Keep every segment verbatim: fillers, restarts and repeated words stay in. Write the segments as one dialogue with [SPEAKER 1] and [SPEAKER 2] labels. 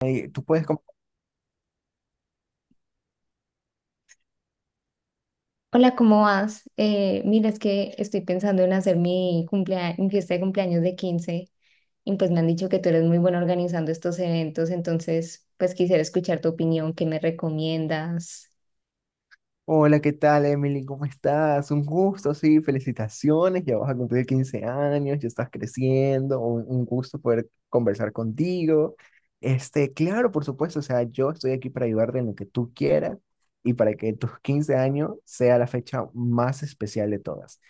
[SPEAKER 1] Ahí, tú puedes como,
[SPEAKER 2] Hola, ¿cómo vas? Eh, mira, es que estoy pensando en hacer mi cumplea- mi fiesta de cumpleaños de quince, y pues me han dicho que tú eres muy buena organizando estos eventos, entonces pues quisiera escuchar tu opinión. ¿Qué me recomiendas?
[SPEAKER 1] hola, ¿qué tal, Emily? ¿Cómo estás? Un gusto, sí, felicitaciones, ya vas a cumplir quince años, ya estás creciendo, un, un gusto poder conversar contigo. Este, claro, por supuesto, o sea, yo estoy aquí para ayudarte en lo que tú quieras y para que tus quince años sea la fecha más especial de todas.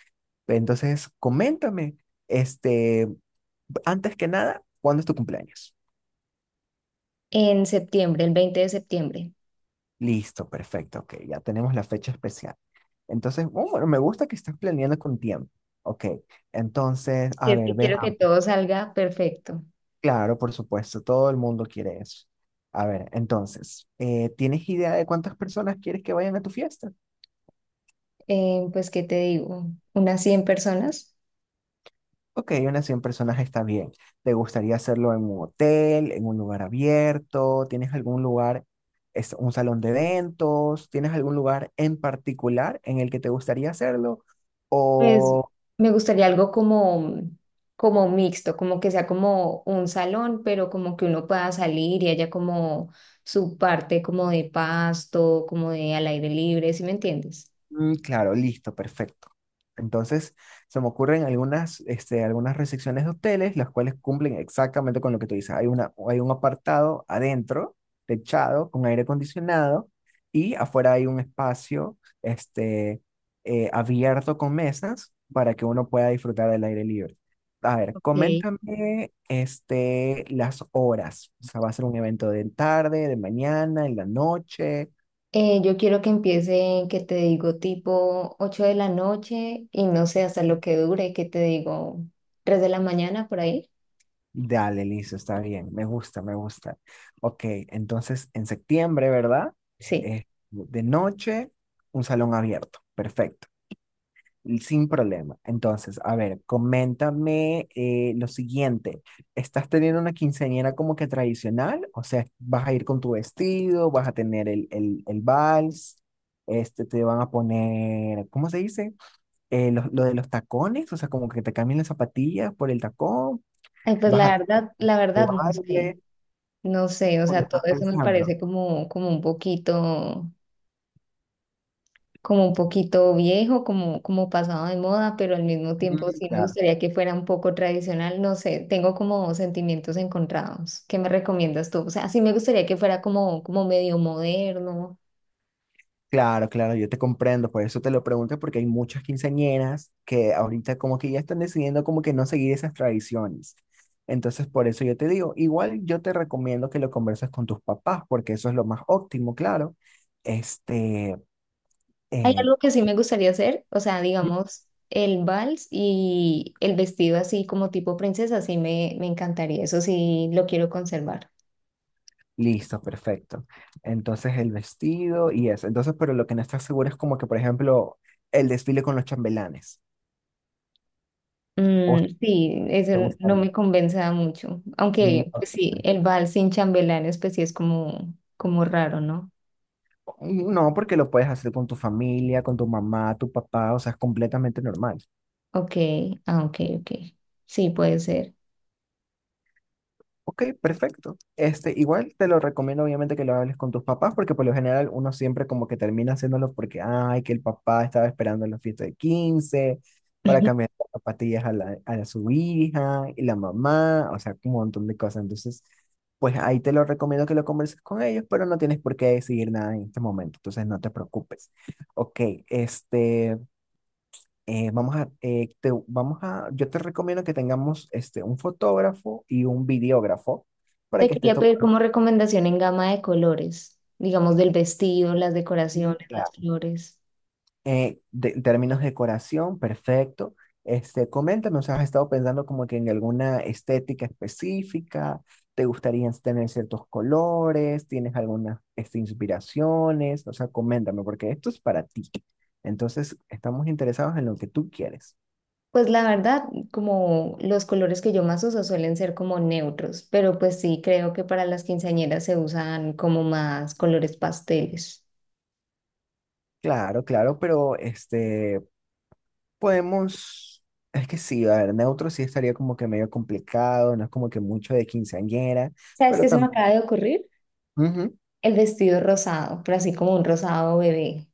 [SPEAKER 1] Entonces, coméntame, este, antes que nada, ¿cuándo es tu cumpleaños?
[SPEAKER 2] En septiembre, ¿el veinte de septiembre?
[SPEAKER 1] Listo, perfecto, ok, ya tenemos la fecha especial. Entonces, oh, bueno, me gusta que estás planeando con tiempo. Ok, entonces,
[SPEAKER 2] Si
[SPEAKER 1] a
[SPEAKER 2] es
[SPEAKER 1] ver,
[SPEAKER 2] que quiero que
[SPEAKER 1] veamos.
[SPEAKER 2] todo salga perfecto.
[SPEAKER 1] Claro, por supuesto, todo el mundo quiere eso. A ver, entonces, eh, ¿tienes idea de cuántas personas quieres que vayan a tu fiesta?
[SPEAKER 2] Eh, pues, ¿qué te digo? ¿Unas cien personas?
[SPEAKER 1] Ok, unas cien personas está bien. ¿Te gustaría hacerlo en un hotel, en un lugar abierto? ¿Tienes algún lugar, es un salón de eventos? ¿Tienes algún lugar en particular en el que te gustaría hacerlo? Mm.
[SPEAKER 2] Pues
[SPEAKER 1] ¿O
[SPEAKER 2] me gustaría algo como, como mixto, como que sea como un salón, pero como que uno pueda salir y haya como su parte como de pasto, como de al aire libre, ¿sí me entiendes?
[SPEAKER 1] mm, claro, listo, perfecto. Entonces, se me ocurren algunas, este, algunas recepciones de hoteles, las cuales cumplen exactamente con lo que tú dices. Hay una, hay un apartado adentro, techado, con aire acondicionado, y afuera hay un espacio, este, eh, abierto con mesas para que uno pueda disfrutar del aire libre. A ver,
[SPEAKER 2] Ok.
[SPEAKER 1] coméntame, este, las horas. O sea, va a ser un evento de tarde, de mañana, en la noche.
[SPEAKER 2] Eh, yo quiero que empiece, que te digo, tipo ocho de la noche, y no sé hasta lo que dure, que te digo, tres de la mañana por ahí.
[SPEAKER 1] Dale, listo, está bien, me gusta, me gusta. Ok, entonces en septiembre, ¿verdad?
[SPEAKER 2] Sí.
[SPEAKER 1] Eh, de noche, un salón abierto, perfecto, y sin problema. Entonces, a ver, coméntame eh, lo siguiente, ¿estás teniendo una quinceañera como que tradicional? O sea, ¿vas a ir con tu vestido, vas a tener el, el, el vals? Este, te van a poner, ¿cómo se dice? Eh, lo, lo de los tacones, o sea, como que te cambien las zapatillas por el tacón,
[SPEAKER 2] Ay, pues
[SPEAKER 1] vas a
[SPEAKER 2] la verdad, la
[SPEAKER 1] tu
[SPEAKER 2] verdad no sé,
[SPEAKER 1] baile.
[SPEAKER 2] no sé, o
[SPEAKER 1] Cuando
[SPEAKER 2] sea, todo
[SPEAKER 1] estás
[SPEAKER 2] eso me
[SPEAKER 1] pensando.
[SPEAKER 2] parece como, como un poquito, como un poquito viejo, como, como pasado de moda, pero al mismo tiempo
[SPEAKER 1] Mm,
[SPEAKER 2] sí me
[SPEAKER 1] Claro,
[SPEAKER 2] gustaría que fuera un poco tradicional. No sé, tengo como sentimientos encontrados. ¿Qué me recomiendas tú? O sea, sí me gustaría que fuera como, como medio moderno.
[SPEAKER 1] claro, claro, yo te comprendo, por eso te lo pregunto, porque hay muchas quinceañeras que ahorita como que ya están decidiendo como que no seguir esas tradiciones. Entonces, por eso yo te digo, igual yo te recomiendo que lo converses con tus papás, porque eso es lo más óptimo, claro. Este,
[SPEAKER 2] Hay
[SPEAKER 1] eh,
[SPEAKER 2] algo que sí me gustaría hacer, o sea, digamos, el vals y el vestido así como tipo princesa, sí me, me encantaría. Eso sí lo quiero conservar.
[SPEAKER 1] listo, perfecto. Entonces, el vestido y eso. Entonces, pero lo que no estás seguro es como que, por ejemplo, el desfile con los chambelanes. ¿O
[SPEAKER 2] Mm, sí, eso
[SPEAKER 1] te
[SPEAKER 2] no
[SPEAKER 1] gustaría?
[SPEAKER 2] me convenza mucho.
[SPEAKER 1] Mm,
[SPEAKER 2] Aunque pues sí, el vals sin chambelanes, pues sí es como, como raro, ¿no?
[SPEAKER 1] no, porque lo puedes hacer con tu familia, con tu mamá, tu papá, o sea, es completamente normal.
[SPEAKER 2] Ok, ah, ok, ok. Sí, puede ser.
[SPEAKER 1] Ok, perfecto. Este, igual te lo recomiendo obviamente que lo hables con tus papás, porque por lo general uno siempre como que termina haciéndolo porque, ay, que el papá estaba esperando la fiesta de quince para cambiar las zapatillas a, la, a su hija y la mamá, o sea, un montón de cosas. Entonces, pues ahí te lo recomiendo que lo converses con ellos, pero no tienes por qué decidir nada en este momento, entonces no te preocupes. Ok, este... eh, vamos a, eh, te- vamos a, yo te recomiendo que tengamos este, un fotógrafo y un videógrafo para
[SPEAKER 2] Te
[SPEAKER 1] que esté
[SPEAKER 2] quería pedir
[SPEAKER 1] tomando.
[SPEAKER 2] como recomendación en gama de colores, digamos del vestido, las
[SPEAKER 1] Sí,
[SPEAKER 2] decoraciones, las
[SPEAKER 1] claro.
[SPEAKER 2] flores.
[SPEAKER 1] Eh, de- en términos de decoración, perfecto. Este, coméntame, o sea, ¿has estado pensando como que en alguna estética específica? ¿Te gustaría tener ciertos colores? ¿Tienes algunas este, inspiraciones? O sea, coméntame, porque esto es para ti. Entonces, estamos interesados en lo que tú quieres.
[SPEAKER 2] Pues la verdad, como los colores que yo más uso suelen ser como neutros, pero pues sí, creo que para las quinceañeras se usan como más colores pasteles.
[SPEAKER 1] Claro, claro, pero este, podemos, es que sí, a ver, neutro sí estaría como que medio complicado, no es como que mucho de quinceañera,
[SPEAKER 2] ¿Sabes
[SPEAKER 1] pero
[SPEAKER 2] qué se me
[SPEAKER 1] también,
[SPEAKER 2] acaba de ocurrir? El vestido rosado, pero así como un rosado bebé.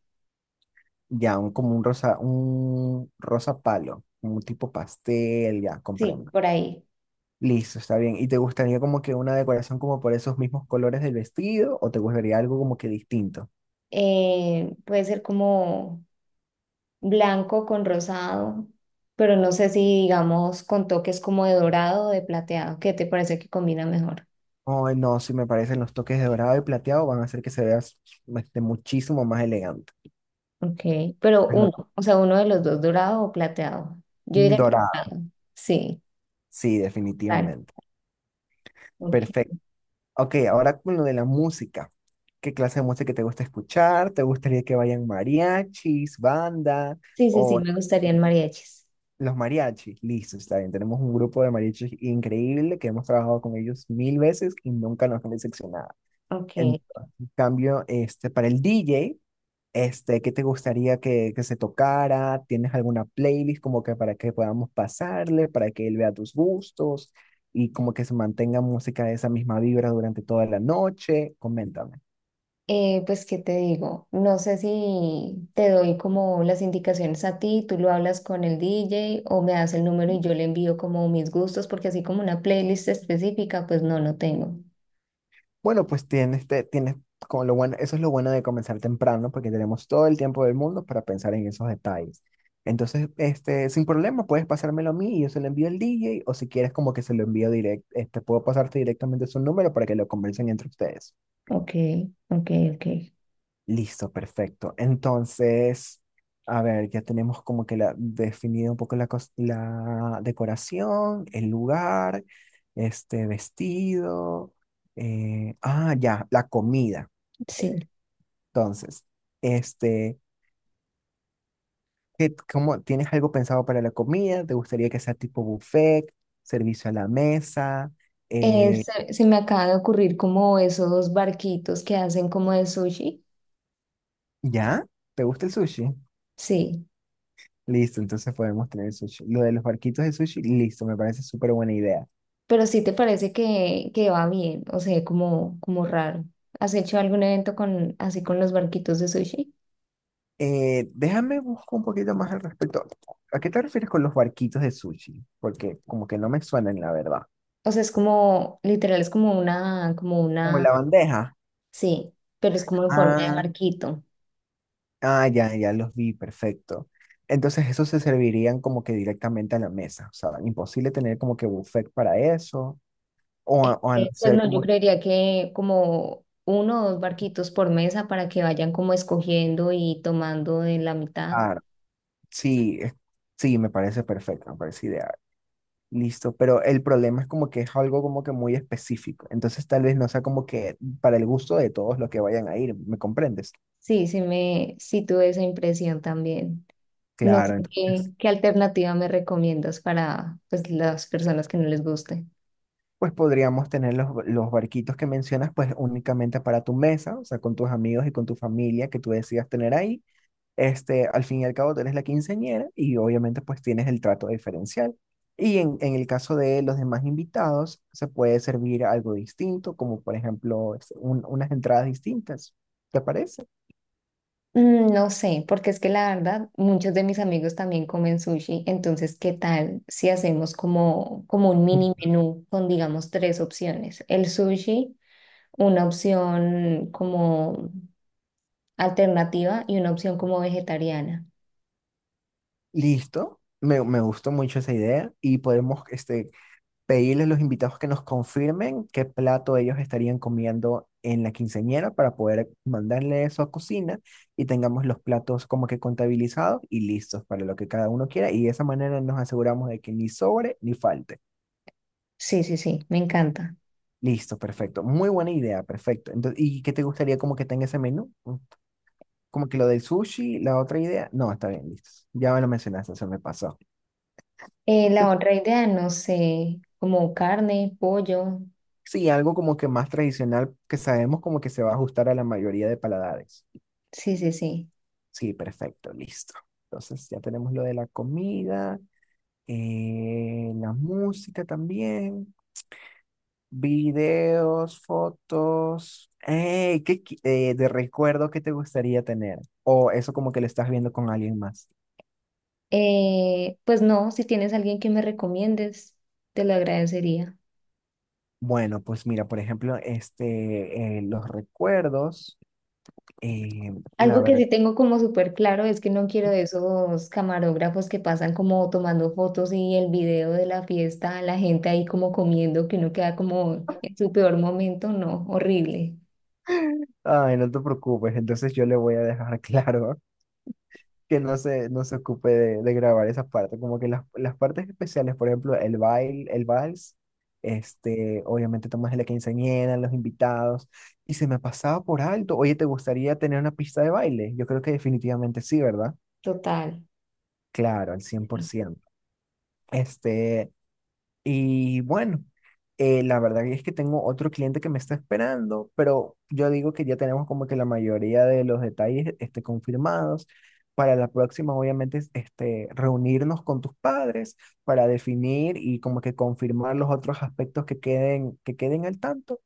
[SPEAKER 1] ya, un, como un rosa, un rosa palo, un tipo pastel, ya,
[SPEAKER 2] Sí,
[SPEAKER 1] comprendo.
[SPEAKER 2] por ahí.
[SPEAKER 1] Listo, está bien. ¿Y te gustaría como que una decoración como por esos mismos colores del vestido o te gustaría algo como que distinto?
[SPEAKER 2] Eh, puede ser como blanco con rosado, pero no sé si digamos con toques como de dorado o de plateado. ¿Qué te parece que combina mejor?
[SPEAKER 1] Ay, no, si me parecen los toques de dorado y plateado van a hacer que se vea s- este, muchísimo más elegante.
[SPEAKER 2] Ok, pero
[SPEAKER 1] Pero,
[SPEAKER 2] uno, o sea, uno de los dos, ¿dorado o plateado? Yo
[SPEAKER 1] mm,
[SPEAKER 2] diría que
[SPEAKER 1] dorado,
[SPEAKER 2] dorado. Sí,
[SPEAKER 1] sí,
[SPEAKER 2] claro.
[SPEAKER 1] definitivamente.
[SPEAKER 2] Ok.
[SPEAKER 1] Perfecto. Ok, ahora con lo de la música. ¿Qué clase de música te gusta escuchar? ¿Te gustaría que vayan mariachis, banda
[SPEAKER 2] Sí, sí, sí,
[SPEAKER 1] o
[SPEAKER 2] me gustarían mariachis.
[SPEAKER 1] los mariachis? Listo, está bien. Tenemos un grupo de mariachis increíble que hemos trabajado con ellos mil veces y nunca nos han decepcionado. En
[SPEAKER 2] Ok.
[SPEAKER 1] cambio, este, para el D J, este, ¿qué te gustaría que, que se tocara? ¿Tienes alguna playlist como que para que podamos pasarle, para que él vea tus gustos y como que se mantenga música de esa misma vibra durante toda la noche? Coméntame.
[SPEAKER 2] Eh, pues, ¿qué te digo? No sé si te doy como las indicaciones a ti, tú lo hablas con el D J, o me das el número y yo le envío como mis gustos, porque así como una playlist específica, pues no, no tengo.
[SPEAKER 1] Bueno, pues tienes, te- tienes como lo bueno, eso es lo bueno de comenzar temprano, porque tenemos todo el tiempo del mundo para pensar en esos detalles. Entonces, este, sin problema, puedes pasármelo a mí y yo se lo envío al D J o si quieres como que se lo envío directo, este, puedo pasarte directamente su número para que lo conversen entre ustedes.
[SPEAKER 2] Ok, ok, ok.
[SPEAKER 1] Listo, perfecto. Entonces, a ver, ya tenemos como que la, definido un poco la, cos- la decoración, el lugar, este, vestido. eh, ah, ya, la comida.
[SPEAKER 2] Sí.
[SPEAKER 1] Entonces, este, ¿qué- cómo, ¿tienes algo pensado para la comida? ¿Te gustaría que sea tipo buffet, servicio a la mesa?
[SPEAKER 2] Eh,
[SPEAKER 1] Eh,
[SPEAKER 2] se, se me acaba de ocurrir como esos barquitos que hacen como de sushi.
[SPEAKER 1] ¿ya? ¿Te gusta el sushi?
[SPEAKER 2] Sí,
[SPEAKER 1] Listo, entonces podemos tener sushi. Lo de los barquitos de sushi, listo, me parece súper buena idea.
[SPEAKER 2] pero sí te parece que, que va bien, o sea, como, como raro. ¿Has hecho algún evento con, así con los barquitos de sushi?
[SPEAKER 1] Eh, déjame buscar un poquito más al respecto. ¿A qué te refieres con los barquitos de sushi? Porque como que no me suenan, la verdad.
[SPEAKER 2] O sea, es como, literal, es como una, como
[SPEAKER 1] Como
[SPEAKER 2] una,
[SPEAKER 1] la bandeja.
[SPEAKER 2] sí, pero es como en forma de
[SPEAKER 1] Ah.
[SPEAKER 2] barquito.
[SPEAKER 1] Ah, ya, ya los vi, perfecto. Entonces, esos se servirían como que directamente a la mesa. O sea, imposible tener como que buffet para eso. O, a- o
[SPEAKER 2] Este, pues
[SPEAKER 1] hacer
[SPEAKER 2] no, yo
[SPEAKER 1] como.
[SPEAKER 2] creería que como uno o dos barquitos por mesa para que vayan como escogiendo y tomando de la mitad.
[SPEAKER 1] Ah, sí, es- sí, me parece perfecto, me parece ideal. Listo, pero el problema es como que es algo como que muy específico. Entonces, tal vez no sea como que para el gusto de todos los que vayan a ir, ¿me comprendes?
[SPEAKER 2] Sí, sí me, sí tuve esa impresión también. No
[SPEAKER 1] Claro,
[SPEAKER 2] sé qué,
[SPEAKER 1] entonces,
[SPEAKER 2] qué alternativa me recomiendas para pues las personas que no les guste.
[SPEAKER 1] pues podríamos tener los, los barquitos que mencionas, pues únicamente para tu mesa, o sea, con tus amigos y con tu familia que tú decidas tener ahí. Este, al fin y al cabo, tú eres la quinceañera y obviamente pues tienes el trato diferencial. Y en, en el caso de los demás invitados, se puede servir algo distinto, como por ejemplo este, un- unas entradas distintas. ¿Te parece?
[SPEAKER 2] Mm, no sé, porque es que la verdad, muchos de mis amigos también comen sushi, entonces, ¿qué tal si hacemos como, como un mini menú con, digamos, tres opciones? El sushi, una opción como alternativa y una opción como vegetariana.
[SPEAKER 1] Listo, me, me gustó mucho esa idea y podemos este, pedirles a los invitados que nos confirmen qué plato ellos estarían comiendo en la quinceañera para poder mandarle eso a cocina y tengamos los platos como que contabilizados y listos para lo que cada uno quiera y de esa manera nos aseguramos de que ni sobre ni falte.
[SPEAKER 2] Sí, sí, sí, me encanta.
[SPEAKER 1] Listo, perfecto. Muy buena idea, perfecto. Entonces, ¿y qué te gustaría como que tenga ese menú? Mm, como que lo del sushi, la otra idea. No, está bien, listo. Ya me lo mencionaste, se me pasó.
[SPEAKER 2] Eh, la otra idea, no sé, como carne, pollo.
[SPEAKER 1] Sí, algo como que más tradicional que sabemos como que se va a ajustar a la mayoría de paladares.
[SPEAKER 2] Sí, sí, sí.
[SPEAKER 1] Sí, perfecto, listo. Entonces ya tenemos lo de la comida, eh, la música también, videos, fotos. Ey, ¿qué qui- eh, de recuerdo que te gustaría tener? O eso como que lo estás viendo con alguien más.
[SPEAKER 2] Eh, pues no, si tienes alguien que me recomiendes, te lo agradecería.
[SPEAKER 1] Bueno, pues mira, por ejemplo, este, eh, los recuerdos, eh, la
[SPEAKER 2] Algo que
[SPEAKER 1] verdad,
[SPEAKER 2] sí tengo como súper claro es que no quiero de esos camarógrafos que pasan como tomando fotos y el video de la fiesta, la gente ahí como comiendo, que uno queda como en su peor momento. No, horrible,
[SPEAKER 1] ay, no te preocupes, entonces yo le voy a dejar claro que no se, no se ocupe de, de grabar esa parte. Como que las, las partes especiales, por ejemplo, el baile, el vals, este, obviamente tomas la quinceañera, los invitados, y se me pasaba por alto. Oye, ¿te gustaría tener una pista de baile? Yo creo que definitivamente sí, ¿verdad?
[SPEAKER 2] total.
[SPEAKER 1] Claro, al cien por
[SPEAKER 2] Sí.
[SPEAKER 1] ciento. Este, y bueno, eh, la verdad es que tengo otro cliente que me está esperando, pero yo digo que ya tenemos como que la mayoría de los detalles este, confirmados. Para la próxima, obviamente, es, este, reunirnos con tus padres para definir y como que confirmar los otros aspectos que queden, que queden al tanto.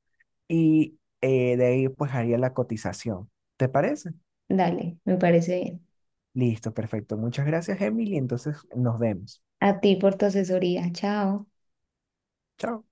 [SPEAKER 1] Y eh, de ahí pues haría la cotización. ¿Te parece?
[SPEAKER 2] Dale, me parece bien.
[SPEAKER 1] Listo, perfecto. Muchas gracias, Emily. Entonces nos vemos.
[SPEAKER 2] A ti por tu asesoría, chao.
[SPEAKER 1] Chao.